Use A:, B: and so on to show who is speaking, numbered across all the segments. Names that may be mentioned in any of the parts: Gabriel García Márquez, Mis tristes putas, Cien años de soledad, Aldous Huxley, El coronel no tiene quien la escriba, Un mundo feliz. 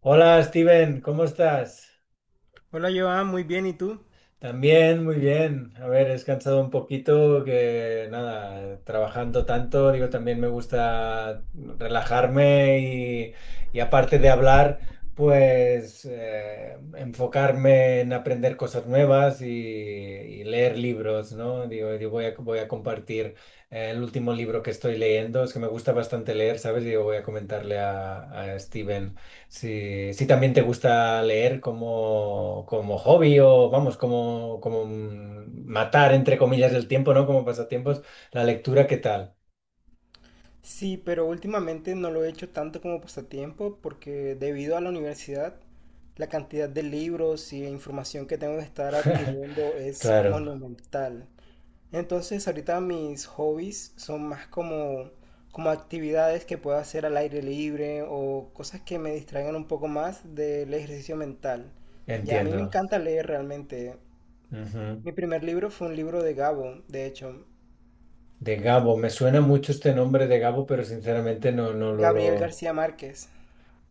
A: Hola Steven, ¿cómo estás?
B: Hola Joan, muy bien, ¿y tú?
A: También, muy bien. A ver, he descansado un poquito, que nada, trabajando tanto, digo, también me gusta relajarme y aparte de hablar, pues enfocarme en aprender cosas nuevas y leer libros, ¿no? Digo, voy a compartir el último libro que estoy leyendo, es que me gusta bastante leer, ¿sabes? Digo, voy a comentarle a Steven. Si también te gusta leer como hobby, o vamos, como matar entre comillas el tiempo, ¿no? Como pasatiempos, la lectura, ¿qué tal?
B: Sí, pero últimamente no lo he hecho tanto como pasatiempo porque debido a la universidad, la cantidad de libros y de información que tengo que estar adquiriendo es
A: Claro,
B: monumental. Entonces ahorita mis hobbies son más como, como actividades que puedo hacer al aire libre o cosas que me distraigan un poco más del ejercicio mental. Ya, a mí me
A: entiendo.
B: encanta leer realmente.
A: Ujú.
B: Mi primer libro fue un libro de Gabo, de hecho,
A: De Gabo, me suena mucho este nombre de Gabo, pero sinceramente no, no lo,
B: Gabriel
A: lo...
B: García Márquez.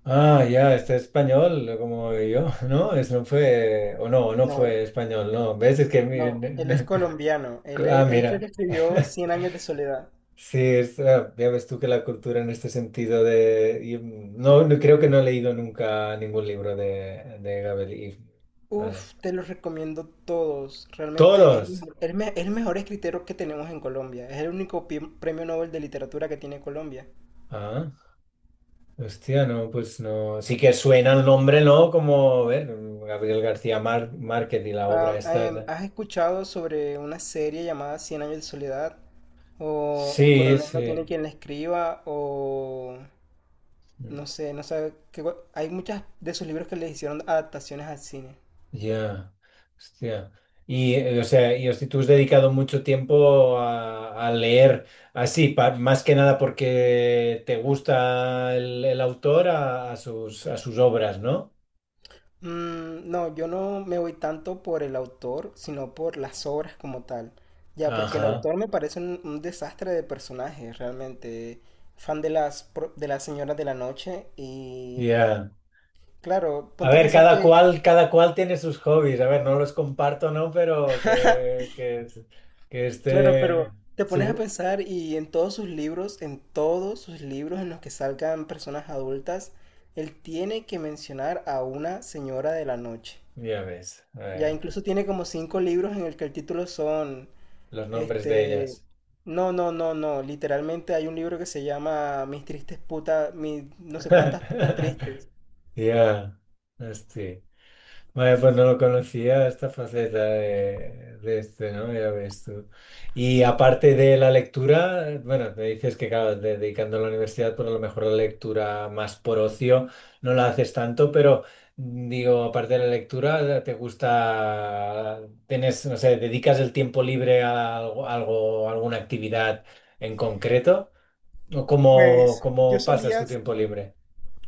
A: Ah, ya, este es español, como yo, ¿no? Es, no fue, o no, no
B: No,
A: fue español, ¿no? ¿Ves? Es que...
B: no, él es colombiano. Él,
A: Ah,
B: él fue el
A: mira.
B: que escribió Cien años de soledad.
A: Sí, es, ah, ya ves tú que la cultura en este sentido de... y, no, no, creo que no he leído nunca ningún libro de Gabel Ibn. Vale.
B: Uf, te los recomiendo todos. Realmente es el
A: ¡Todos!
B: mejor, el mejor escritor que tenemos en Colombia. Es el único premio Nobel de literatura que tiene Colombia.
A: Ah, hostia, no, pues no. Sí que suena el nombre, ¿no? Como, a ver, Gabriel García Márquez y la obra
B: Ah,
A: esta.
B: ¿has escuchado sobre una serie llamada Cien años de soledad? O El
A: Sí,
B: coronel
A: sí.
B: no tiene quien la escriba, o no sé, no sé, que, hay muchas de sus libros que les hicieron adaptaciones al cine.
A: Ya, hostia. Y, o sea, y hostia, tú has dedicado mucho tiempo a leer así, más que nada porque te gusta el autor, a sus obras, ¿no?
B: Mm, no, yo no me voy tanto por el autor, sino por las obras como tal. Ya, porque el
A: Ajá,
B: autor me parece un desastre de personaje, realmente. Fan de las, de las señoras de la noche y...
A: ya.
B: Claro,
A: A
B: ponte a
A: ver,
B: pensar que...
A: cada cual tiene sus hobbies. A ver, no los comparto, ¿no? Pero que,
B: Claro,
A: esté
B: pero te pones a
A: su...
B: pensar y en todos sus libros, en todos sus libros en los que salgan personas adultas, él tiene que mencionar a una señora de la noche.
A: Ya ves, a
B: Ya
A: ver,
B: incluso tiene como cinco libros en el que el título son.
A: los nombres de
B: Este,
A: ellas.
B: no, no, no, no. Literalmente hay un libro que se llama Mis tristes putas, mis no sé cuántas putas tristes.
A: Ya, hostia. Vaya, pues no lo conocía esta faceta de este, ¿no? Ya ves tú. Y aparte de la lectura, bueno, me dices que, claro, dedicando a la universidad, pues a lo mejor la lectura más por ocio no la haces tanto, pero digo, aparte de la lectura, ¿te gusta, tienes, no sé, dedicas el tiempo libre a algo, alguna actividad en concreto? ¿O cómo,
B: Pues
A: cómo pasas tu tiempo libre?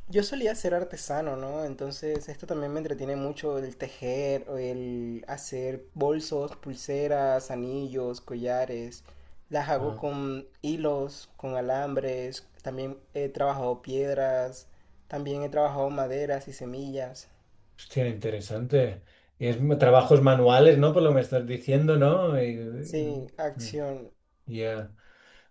B: yo solía ser artesano, ¿no? Entonces esto también me entretiene mucho el tejer, o el hacer bolsos, pulseras, anillos, collares. Las hago con hilos, con alambres. También he trabajado piedras. También he trabajado maderas y semillas.
A: Hostia, interesante. Y es trabajos manuales, ¿no? Por lo que me estás diciendo, ¿no?
B: Sí, acción.
A: Ya.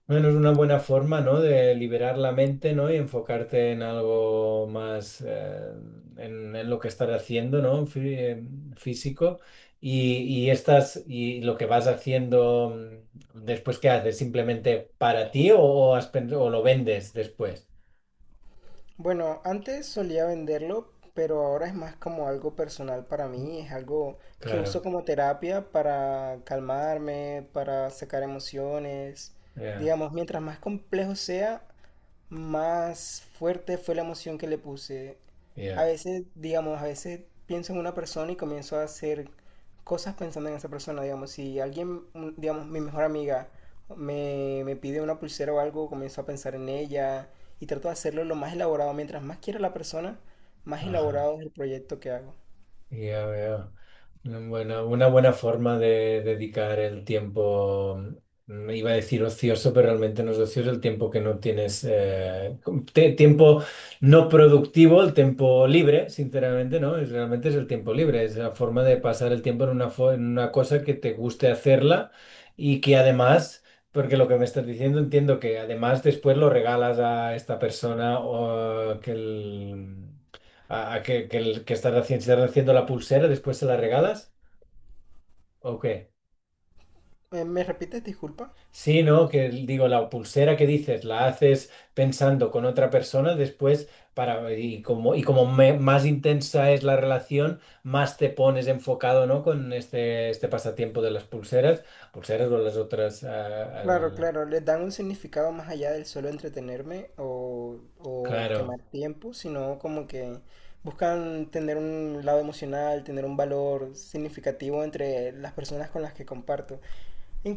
A: Bueno, es una buena forma, ¿no? De liberar la mente, ¿no? Y enfocarte en algo más, en lo que estás haciendo, ¿no? Físico. Y, y lo que vas haciendo después, ¿qué haces? ¿Simplemente para ti, o has o lo vendes después?
B: Bueno, antes solía venderlo, pero ahora es más como algo personal para mí, es algo que
A: Claro,
B: uso como terapia para calmarme, para sacar emociones.
A: ya,
B: Digamos, mientras más complejo sea, más fuerte fue la emoción que le puse. A
A: ya.
B: veces, digamos, a veces pienso en una persona y comienzo a hacer cosas pensando en esa persona, digamos, si alguien, digamos, mi mejor amiga me pide una pulsera o algo, comienzo a pensar en ella y trato de hacerlo lo más elaborado. Mientras más quiera la persona, más
A: Ajá.
B: elaborado es el proyecto que hago.
A: Ya veo. Bueno, una buena forma de dedicar el tiempo, iba a decir ocioso, pero realmente no es ocioso el tiempo que no tienes, tiempo no productivo, el tiempo libre, sinceramente, ¿no? Es, realmente es el tiempo libre, es la forma de pasar el tiempo en en una cosa que te guste hacerla y que además... ¿Porque lo que me estás diciendo entiendo que además después lo regalas a esta persona, o que el, a que, el- que estás haciendo, si estás haciendo la pulsera, después se la regalas? ¿O qué?
B: ¿Me repites, disculpa?
A: Sí, ¿no? Que digo, la pulsera que dices, la haces pensando con otra persona, después más intensa es la relación, más te pones enfocado, ¿no? Con este pasatiempo de las pulseras o las otras,
B: Claro, claro, les dan un significado más allá del solo entretenerme o
A: claro,
B: quemar tiempo, sino como que buscan tener un lado emocional, tener un valor significativo entre las personas con las que comparto.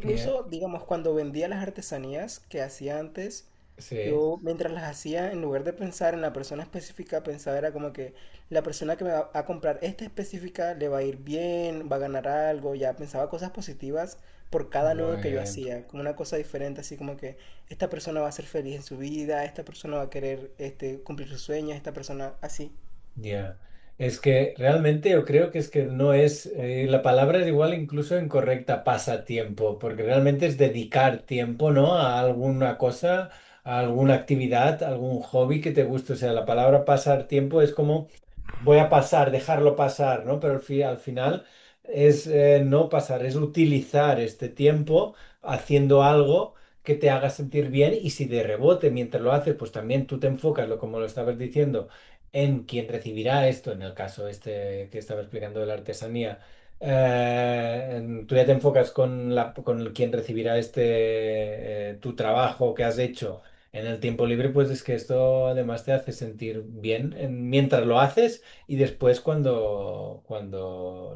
A: y, eh,
B: digamos, cuando vendía las artesanías que hacía antes,
A: sí,
B: yo mientras las hacía, en lugar de pensar en la persona específica, pensaba era como que la persona que me va a comprar esta específica le va a ir bien, va a ganar algo, ya pensaba cosas positivas por cada nudo
A: muy
B: que yo
A: bien.
B: hacía, como una cosa diferente, así como que esta persona va a ser feliz en su vida, esta persona va a querer este, cumplir sus sueños, esta persona así.
A: Ya, es que realmente yo creo que es que no es, la palabra es igual incluso incorrecta, pasatiempo, porque realmente es dedicar tiempo, ¿no? A alguna cosa, a alguna actividad, a algún hobby que te guste. O sea, la palabra pasar tiempo es como voy a pasar, dejarlo pasar, ¿no? Pero al final es, no pasar, es utilizar este tiempo haciendo algo que te haga sentir bien, y si de rebote mientras lo haces, pues también tú te enfocas, lo como lo estabas diciendo, en quien recibirá esto, en el caso este que estaba explicando de la artesanía, tú ya te enfocas con la, con el quien recibirá este, tu trabajo que has hecho en el tiempo libre. Pues es que esto además te hace sentir bien mientras lo haces, y después cuando, cuando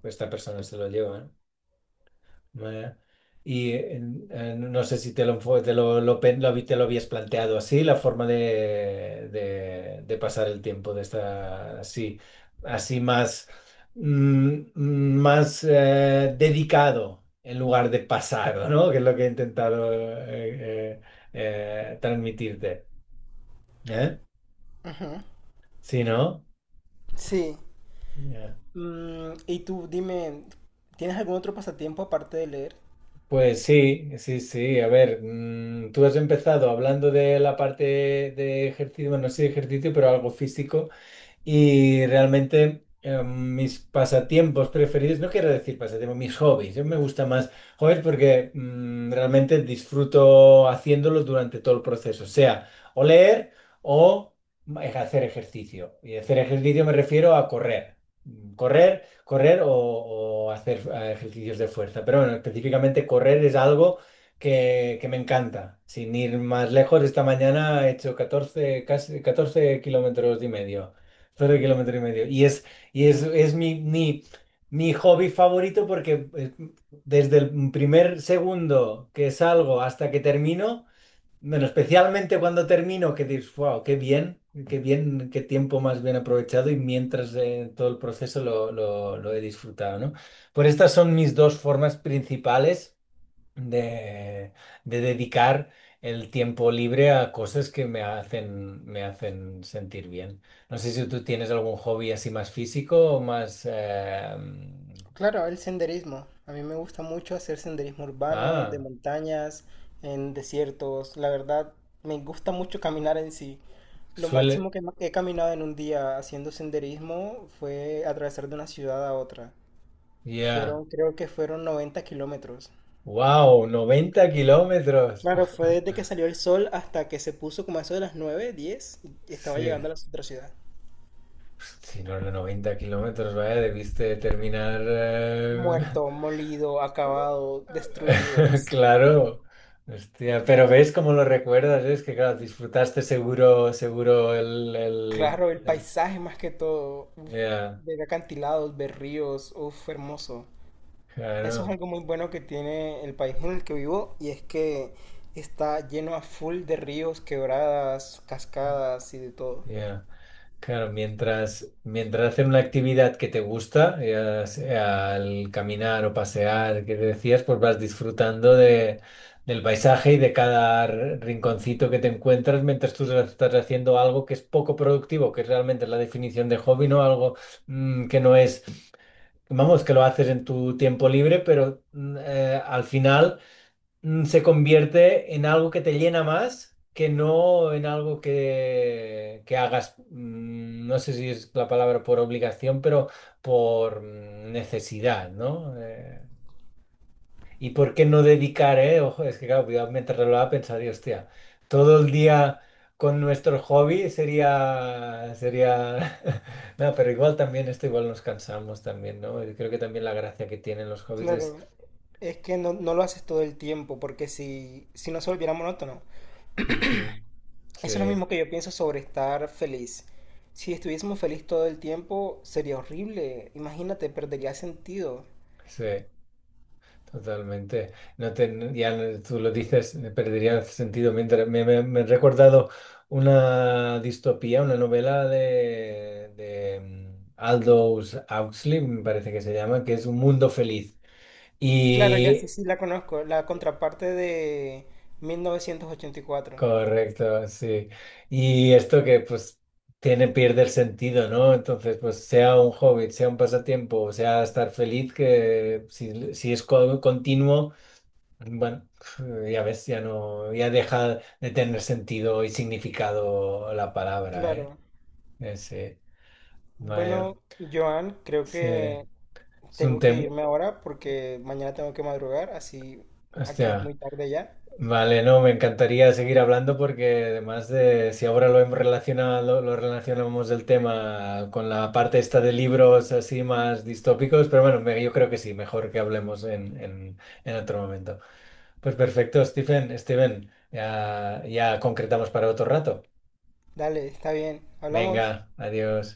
A: lo- esta persona se lo lleva, ¿eh? Vaya. Y no sé si te lo, enfo- te lo, te lo habías planteado así, la forma de pasar el tiempo de esta, así, así más, mm, más dedicado en lugar de pasado, ¿no? Que es lo que he intentado, transmitirte. ¿Eh?
B: Ujú.
A: ¿Sí, no?
B: Sí. Mm, y tú, dime, ¿tienes algún otro pasatiempo aparte de leer?
A: Pues sí, sí, sí. A ver, tú has empezado hablando de la parte de ejercicio, bueno, no sé de ejercicio, pero algo físico. Y realmente, mis pasatiempos preferidos, no quiero decir pasatiempos, mis hobbies. Yo me gusta más hobbies porque realmente disfruto haciéndolos durante todo el proceso, sea o leer o hacer ejercicio. Y hacer ejercicio me refiero a correr. Correr o hacer, ejercicios de fuerza. Pero bueno, específicamente correr es algo que me encanta. Sin ir más lejos, esta mañana he hecho 14, casi 14,5 km. Solo 1,5 km. Es mi hobby favorito porque, desde el primer segundo que salgo hasta que termino, bueno, especialmente cuando termino, que dices, wow, qué bien, qué bien, qué tiempo más bien aprovechado, y mientras, todo el proceso lo he disfrutado, ¿no? Pues estas son mis dos formas principales de, de dedicar el tiempo libre a cosas que me hacen sentir bien. No sé si tú tienes algún hobby así más físico o más...
B: Claro, el senderismo. A mí me gusta mucho hacer senderismo urbano, de
A: ah,
B: montañas, en desiertos. La verdad, me gusta mucho caminar en sí. Lo
A: suele...
B: máximo que he caminado en un día haciendo senderismo fue atravesar de una ciudad a otra.
A: Ya.
B: Fueron, creo que fueron 90 kilómetros.
A: Wow, 90 km.
B: Claro, fue desde que salió el sol hasta que se puso como a eso de las 9, 10, y estaba
A: Sí.
B: llegando a la otra ciudad.
A: Si no, los 90 km, vaya, debiste terminar.
B: Muerto, molido, acabado, destruido, sí.
A: Claro, hostia, pero ves cómo lo recuerdas, ¿eh? Es que claro, disfrutaste seguro, seguro
B: Claro, el paisaje más que todo, uf,
A: ya,
B: ver acantilados, ver ríos, uf, hermoso. Eso es
A: claro,
B: algo muy bueno que tiene el país en el que vivo y es que está lleno a full de ríos, quebradas, cascadas y de todo.
A: ya. Claro, mientras hacer una actividad que te gusta, ya sea al caminar o pasear, que decías, pues vas disfrutando del paisaje y de cada rinconcito que te encuentras mientras tú estás haciendo algo que es poco productivo, que realmente es realmente la definición de hobby, ¿no? Algo que no es, vamos, que lo haces en tu tiempo libre, pero al final se convierte en algo que te llena, más que no en algo que hagas, no sé si es la palabra por obligación, pero por necesidad, ¿no? ¿Y por qué no dedicar, eh? Ojo, es que claro, cuidado, mientras lo hablaba pensaba, Dios, hostia, todo el día con nuestro hobby sería, no, pero igual también esto igual nos cansamos también, ¿no? y creo que también la gracia que tienen los hobbies es...
B: Claro, es que no, no lo haces todo el tiempo porque si no se volviera monótono.
A: Ujú.
B: Eso es lo
A: Sí,
B: mismo que yo pienso sobre estar feliz. Si estuviésemos feliz todo el tiempo sería horrible, imagínate, perdería sentido.
A: sí. Totalmente. No, tú lo dices, perdería sentido. Mientras, me he recordado una distopía, una novela de Aldous Huxley, me parece que se llama, que es Un mundo feliz.
B: Claro, ya
A: Y
B: sí, sí la conozco, la contraparte de 1984.
A: correcto, sí. Y esto que, pues, tiene, pierde el sentido, ¿no? Entonces, pues sea un hobby, sea un pasatiempo, sea estar feliz, que si es continuo. Bueno, ya ves, ya no, ya deja de tener sentido y significado la palabra, ¿eh?
B: Claro.
A: Ese, vaya,
B: Bueno, Joan, creo
A: sí,
B: que
A: es un
B: tengo que
A: tema,
B: irme ahora porque mañana tengo que madrugar, así aquí es muy
A: hostia,
B: tarde ya.
A: vale, no, me encantaría seguir hablando, porque además de, si ahora lo hemos relacionado, lo relacionamos el tema con la parte esta de libros así más distópicos, pero bueno, yo creo que sí, mejor que hablemos en otro momento. Pues perfecto, Stephen, Steven, ya, ya concretamos para otro rato.
B: Dale, está bien, hablamos.
A: Venga, adiós.